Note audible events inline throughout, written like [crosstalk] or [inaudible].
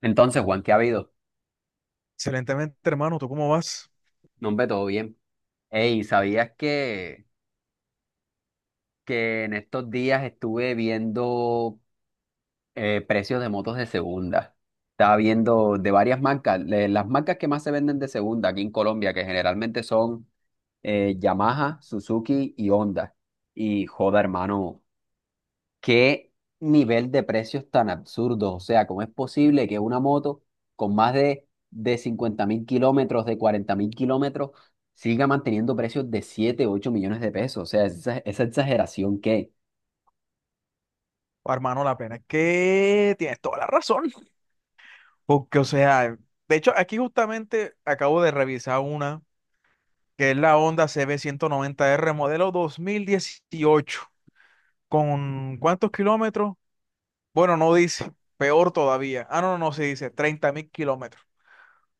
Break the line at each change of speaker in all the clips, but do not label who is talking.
Entonces, Juan, ¿qué ha habido?
Excelentemente, hermano. ¿Tú cómo vas?
No, hombre, todo bien. Ey, ¿sabías que en estos días estuve viendo precios de motos de segunda? Estaba viendo de varias marcas, las marcas que más se venden de segunda aquí en Colombia, que generalmente son Yamaha, Suzuki y Honda. Y joda, hermano, ¿qué nivel de precios tan absurdos? O sea, ¿cómo es posible que una moto con más de 50 000 kilómetros, de 40 000 kilómetros, siga manteniendo precios de 7, 8 millones de pesos? O sea, esa exageración que
Oh, hermano, la pena es que tienes toda la razón. Porque, o sea, de hecho, aquí justamente acabo de revisar una que es la Honda CB noventa R modelo 2018. ¿Con cuántos kilómetros? Bueno, no dice. Peor todavía. Ah, no, no, no se dice. 30.000 kilómetros.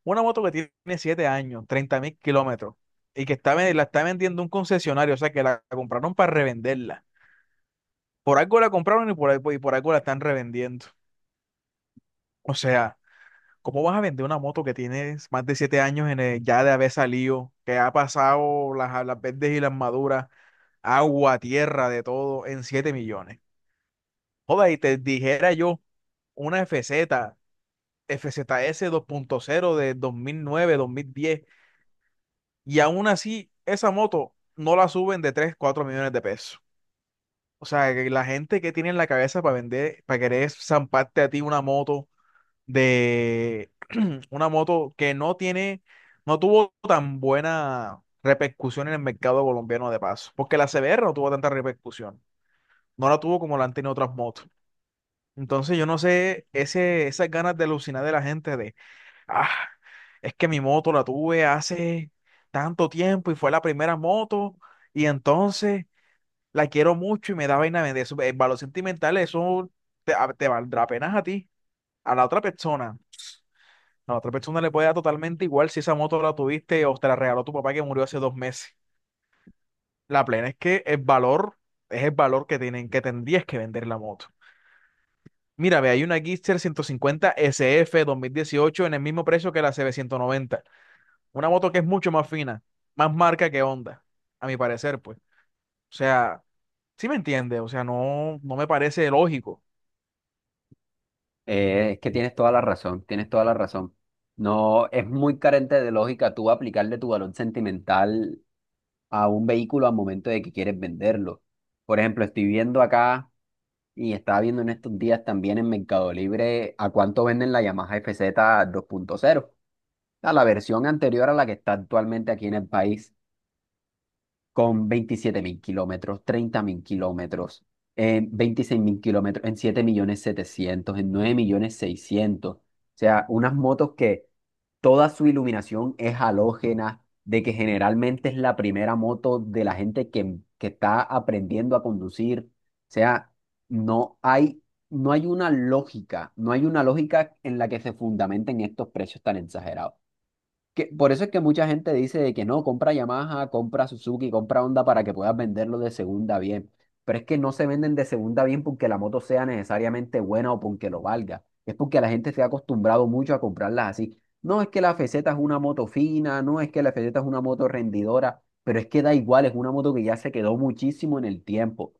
Una moto que tiene 7 años, 30.000 kilómetros. Y que la está vendiendo un concesionario. O sea, que la compraron para revenderla. Por algo la compraron y por algo la están revendiendo. O sea, ¿cómo vas a vender una moto que tienes más de 7 años ya de haber salido, que ha pasado las verdes y las maduras, agua, tierra, de todo, en 7 millones? Joda, y te dijera yo una FZ, FZS 2.0 de 2009, 2010, y aún así esa moto no la suben de 3, 4 millones de pesos. O sea, que la gente que tiene en la cabeza para vender, para querer zamparte a ti una moto de [clears throat] una moto que no tiene, no tuvo tan buena repercusión en el mercado colombiano de paso, porque la CBR no tuvo tanta repercusión, no la tuvo como la han tenido otras motos. Entonces yo no sé, esas ganas de alucinar de la gente de, ah, es que mi moto la tuve hace tanto tiempo y fue la primera moto, y entonces la quiero mucho y me da vaina vender. Eso, el valor sentimental, eso te valdrá apenas a ti, a la otra persona. A la otra persona le puede dar totalmente igual si esa moto la tuviste o te la regaló tu papá que murió hace 2 meses. La plena es que el valor es el valor que tienen, que tendrías que vender la moto. Mira, ve, hay una Gixxer 150 SF 2018 en el mismo precio que la CB190. Una moto que es mucho más fina, más marca que Honda, a mi parecer, pues. O sea, sí me entiende, o sea, no me parece lógico.
es que tienes toda la razón, tienes toda la razón. No, es muy carente de lógica tú aplicarle tu valor sentimental a un vehículo al momento de que quieres venderlo. Por ejemplo, estoy viendo acá. Y estaba viendo en estos días también en Mercado Libre a cuánto venden la Yamaha FZ 2.0, a la versión anterior a la que está actualmente aquí en el país con 27 000 kilómetros, 30 000 kilómetros, en 26 000 kilómetros, en 7 700 000, en 9 600 000, o sea, unas motos que toda su iluminación es halógena, de que generalmente es la primera moto de la gente que está aprendiendo a conducir. O sea, no hay, no hay una lógica, no hay una lógica en la que se fundamenten estos precios tan exagerados. Que, por eso es que mucha gente dice de que no, compra Yamaha, compra Suzuki, compra Honda para que puedas venderlo de segunda bien. Pero es que no se venden de segunda bien porque la moto sea necesariamente buena o porque lo valga. Es porque la gente se ha acostumbrado mucho a comprarlas así. No es que la FZ es una moto fina, no es que la FZ es una moto rendidora, pero es que da igual, es una moto que ya se quedó muchísimo en el tiempo.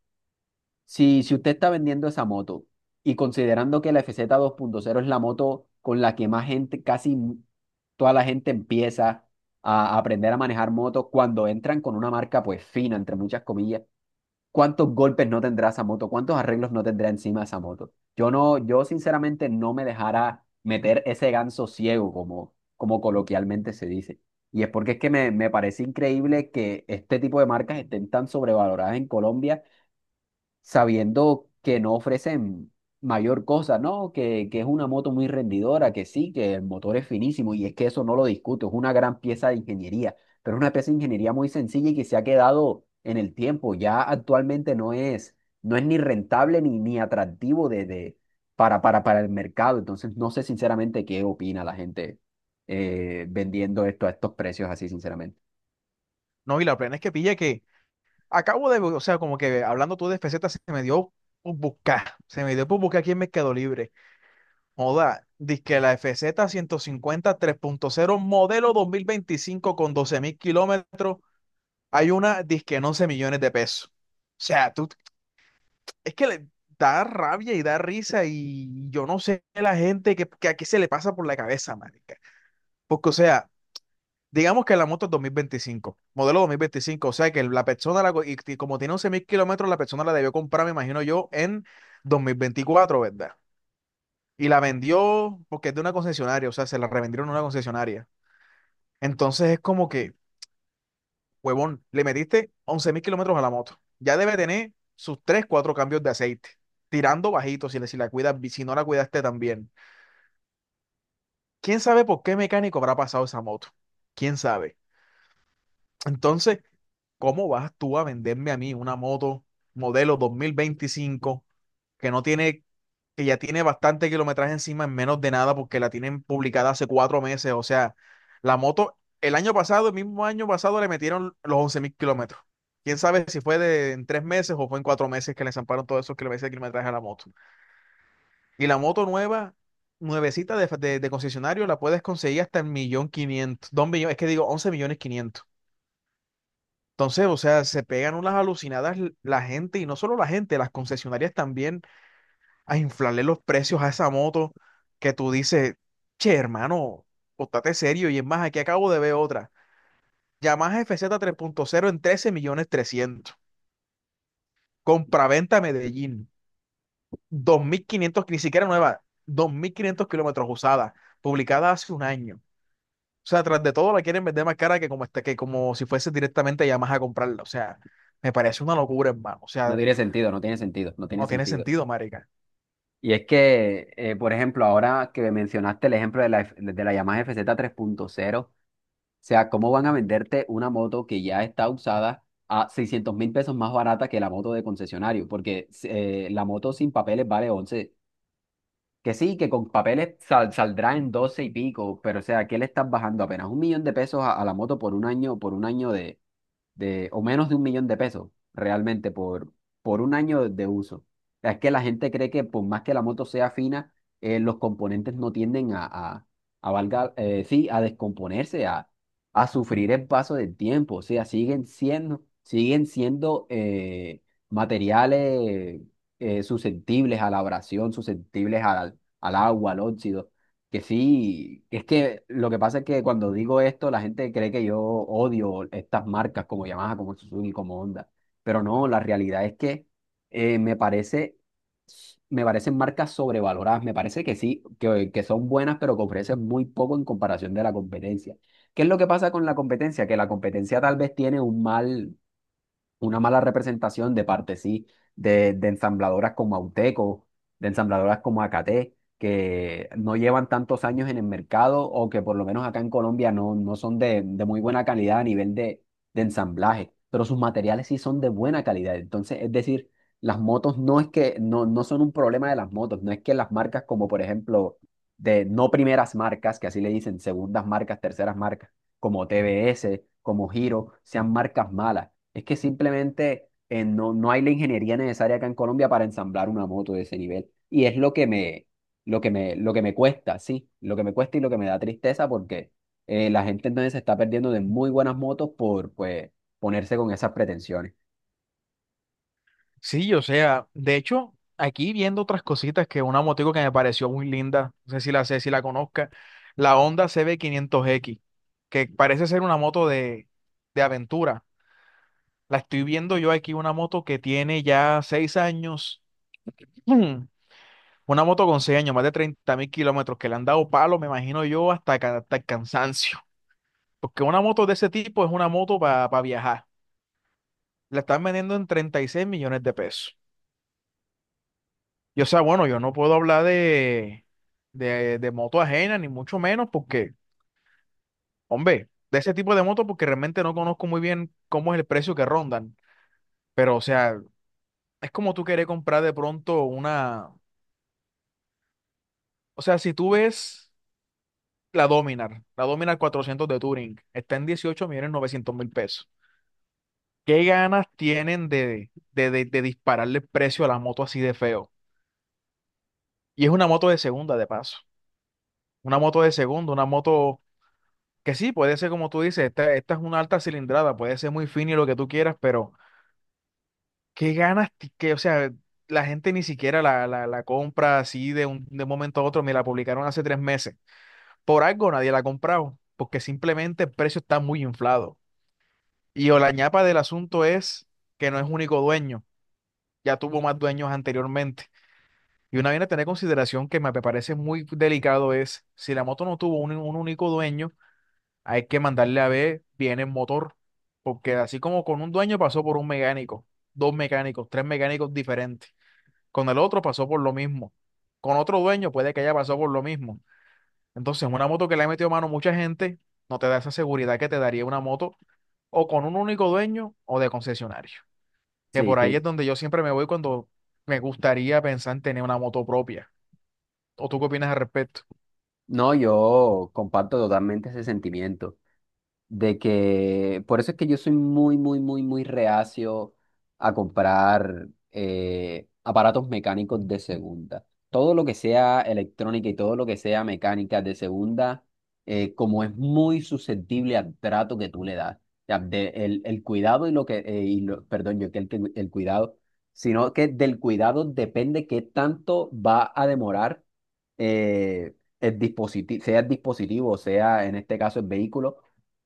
Si, si usted está vendiendo esa moto y considerando que la FZ cero es la moto con la que más gente, casi toda la gente empieza a aprender a manejar motos cuando entran con una marca pues fina, entre muchas comillas, ¿cuántos golpes no tendrá esa moto? ¿Cuántos arreglos no tendrá encima esa moto? Yo no, yo sinceramente no me dejara meter ese ganso ciego como, como coloquialmente se dice. Y es porque es que me parece increíble que este tipo de marcas estén tan sobrevaloradas en Colombia sabiendo que no ofrecen mayor cosa, ¿no? Que es una moto muy rendidora, que sí, que el motor es finísimo y es que eso no lo discuto, es una gran pieza de ingeniería, pero es una pieza de ingeniería muy sencilla y que se ha quedado en el tiempo, ya actualmente no es, no es ni rentable ni, ni atractivo para el mercado, entonces no sé sinceramente qué opina la gente vendiendo esto a estos precios así, sinceramente.
No, y la plena es que pilla que acabo de, o sea, como que hablando tú de FZ se me dio por buscar aquí en Mercado Libre. Joda, que la FZ punto cero modelo 2025 con 12.000 kilómetros, hay una disque en 11 millones de pesos. O sea, tú, es que le da rabia y da risa y yo no sé la gente que a qué se le pasa por la cabeza, marica. Porque, o sea, digamos que la moto es 2025, modelo 2025, o sea que la persona, y como tiene 11.000 kilómetros, la persona la debió comprar, me imagino yo, en 2024, ¿verdad? Y la vendió porque es de una concesionaria, o sea, se la revendieron a una concesionaria. Entonces es como que, huevón, le metiste 11.000 kilómetros a la moto. Ya debe tener sus 3 4 cambios de aceite, tirando bajito si la cuidas, si no la cuidaste también. ¿Quién sabe por qué mecánico habrá pasado esa moto? ¿Quién sabe? Entonces, ¿cómo vas tú a venderme a mí una moto modelo 2025 que no tiene, que ya tiene bastante kilometraje encima en menos de nada porque la tienen publicada hace 4 meses? O sea, la moto, el año pasado, el mismo año pasado, le metieron los 11.000 kilómetros. Quién sabe si fue en 3 meses o fue en 4 meses que le zamparon todos esos kilómetros de kilometraje a la moto. Y la moto nueva, nuevecita de concesionario, la puedes conseguir hasta el millón quinientos, dos millones, es que digo, once millones quinientos. Entonces, o sea, se pegan unas alucinadas la gente, y no solo la gente, las concesionarias también, a inflarle los precios a esa moto que tú dices, che, hermano, póntate serio. Y es más, aquí acabo de ver otra. Yamaha FZ cero en 13 millones 300. Compraventa Medellín. 2500, ni siquiera nueva, 2500 kilómetros usada, publicada hace un año. O sea, tras de todo la quieren vender más cara que como si fuese directamente Yamaha a comprarla. O sea, me parece una locura, hermano. O
No
sea,
tiene sentido, no tiene sentido, no tiene
no tiene
sentido.
sentido, marica.
Y es que, por ejemplo, ahora que mencionaste el ejemplo de la, de la Yamaha FZ cero, o sea, ¿cómo van a venderte una moto que ya está usada a 600 000 pesos más barata que la moto de concesionario? Porque la moto sin papeles vale once. Que sí, que con papeles saldrá en 12 y pico, pero o sea, ¿qué le estás bajando? Apenas 1 millón de pesos a la moto por un año de, o menos de 1 millón de pesos realmente por un año de uso. Es que la gente cree que por más que la moto sea fina, los componentes no tienden sí, a descomponerse, a sufrir el paso del tiempo. O sea, siguen siendo materiales susceptibles a la abrasión, susceptibles al, al agua, al óxido. Que sí, que es que lo que pasa es que cuando digo esto, la gente cree que yo odio estas marcas como Yamaha, como Suzuki, como Honda. Pero no, la realidad es que me parece, me parecen marcas sobrevaloradas. Me parece que sí, que son buenas, pero que ofrecen muy poco en comparación de la competencia. ¿Qué es lo que pasa con la competencia? Que la competencia tal vez tiene un mal, una mala representación de parte, sí, de ensambladoras como Auteco, de ensambladoras como Acate, que no llevan tantos años en el mercado o que por lo menos acá en Colombia no, no son de muy buena calidad a nivel de ensamblaje, pero sus materiales sí son de buena calidad. Entonces, es decir, las motos no es que, no, no son un problema de las motos, no es que las marcas como por ejemplo, de no primeras marcas, que así le dicen, segundas marcas, terceras marcas, como TBS, como Giro, sean marcas malas, es que simplemente no, no hay la ingeniería necesaria acá en Colombia para ensamblar una moto de ese nivel. Y es lo que me, lo que me, lo que me cuesta, sí, lo que me cuesta y lo que me da tristeza porque la gente entonces se está perdiendo de muy buenas motos por pues, ponerse con esas pretensiones.
Sí, o sea, de hecho, aquí viendo otras cositas, que una motico que me pareció muy linda, no sé si la sé, si la conozca, la Honda CB500X, que parece ser una moto de aventura. La estoy viendo yo aquí, una moto que tiene ya 6 años, [clears throat] mm, una moto con 6 años, más de 30.000 kilómetros, que le han dado palo, me imagino yo, hasta el cansancio. Porque una moto de ese tipo es una moto para viajar. La están vendiendo en 36 millones de pesos. Y o sea, bueno, yo no puedo hablar de moto ajena, ni mucho menos, porque, hombre, de ese tipo de moto, porque realmente no conozco muy bien cómo es el precio que rondan. Pero, o sea, es como tú querés comprar de pronto una. O sea, si tú ves la Dominar 400 de Touring, está en 18 millones 900 mil pesos. ¿Qué ganas tienen de dispararle el precio a la moto así de feo? Y es una moto de segunda, de paso. Una moto de segunda, una moto. Que sí, puede ser como tú dices, esta es una alta cilindrada, puede ser muy fina y lo que tú quieras, pero qué ganas, o sea, la gente ni siquiera la compra así de un momento a otro, me la publicaron hace 3 meses. Por algo nadie la ha comprado, porque simplemente el precio está muy inflado. Y o la ñapa del asunto es que no es único dueño, ya tuvo más dueños anteriormente. Y una bien a tener en consideración que me parece muy delicado es, si la moto no tuvo un único dueño, hay que mandarle a ver bien el motor, porque así como con un dueño pasó por un mecánico, dos mecánicos, tres mecánicos diferentes. Con el otro pasó por lo mismo. Con otro dueño puede que haya pasado por lo mismo. Entonces, una moto que le ha metido mano mucha gente no te da esa seguridad que te daría una moto o con un único dueño o de concesionario. Que
Sí,
por ahí
sí.
es donde yo siempre me voy cuando me gustaría pensar en tener una moto propia. ¿O tú qué opinas al respecto?
No, yo comparto totalmente ese sentimiento, de que por eso es que yo soy muy, muy, muy, muy reacio a comprar aparatos mecánicos de segunda. Todo lo que sea electrónica y todo lo que sea mecánica de segunda, como es muy susceptible al trato que tú le das, o sea, el cuidado y lo que, perdón, yo que el cuidado, sino que del cuidado depende qué tanto va a demorar eh, el dispositivo, sea en este caso el vehículo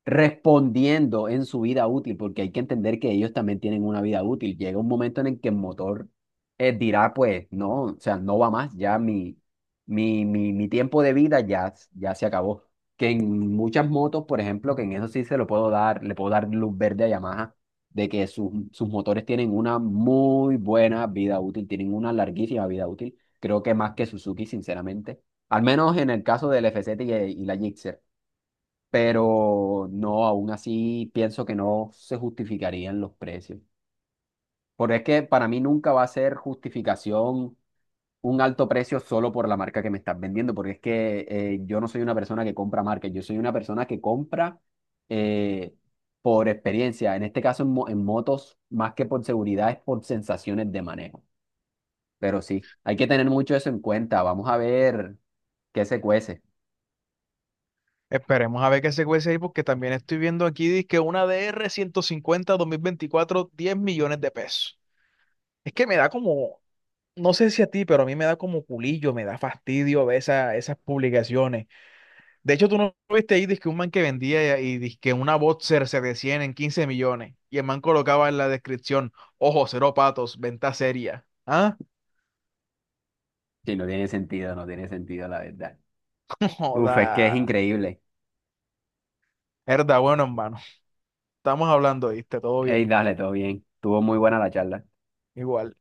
respondiendo en su vida útil, porque hay que entender que ellos también tienen una vida útil. Llega un momento en el que el motor dirá, pues, no, o sea, no va más, mi tiempo de vida ya, ya se acabó. Que en muchas motos, por ejemplo, que en eso sí se lo puedo dar, le puedo dar luz verde a Yamaha, de que sus, sus motores tienen una muy buena vida útil, tienen una larguísima vida útil, creo que más que Suzuki, sinceramente. Al menos en el caso del FZ y la Gixxer, pero no, aún así pienso que no se justificarían los precios. Porque es que para mí nunca va a ser justificación un alto precio solo por la marca que me estás vendiendo, porque es que yo no soy una persona que compra marcas, yo soy una persona que compra eh, por experiencia. En este caso, en, en motos, más que por seguridad, es por sensaciones de manejo. Pero sí, hay que tener mucho eso en cuenta. Vamos a ver qué se cuece.
Esperemos a ver qué se cuece ahí, porque también estoy viendo aquí dizque una DR 150 2024, 10 millones de pesos. Es que me da como, no sé si a ti, pero a mí me da como culillo, me da fastidio ver esas publicaciones. De hecho, ¿tú no viste ahí dizque un man que vendía y dizque una Boxer se decían en 15 millones? Y el man colocaba en la descripción: ojo, cero patos, venta seria. ¿Ah?
Sí, no tiene sentido, no tiene sentido, la verdad.
[laughs]
Uf, es que es
Joda.
increíble.
Herda, bueno, hermano. Estamos hablando, ¿viste? Todo
Ey,
bien.
dale, todo bien. Tuvo muy buena la charla.
Igual.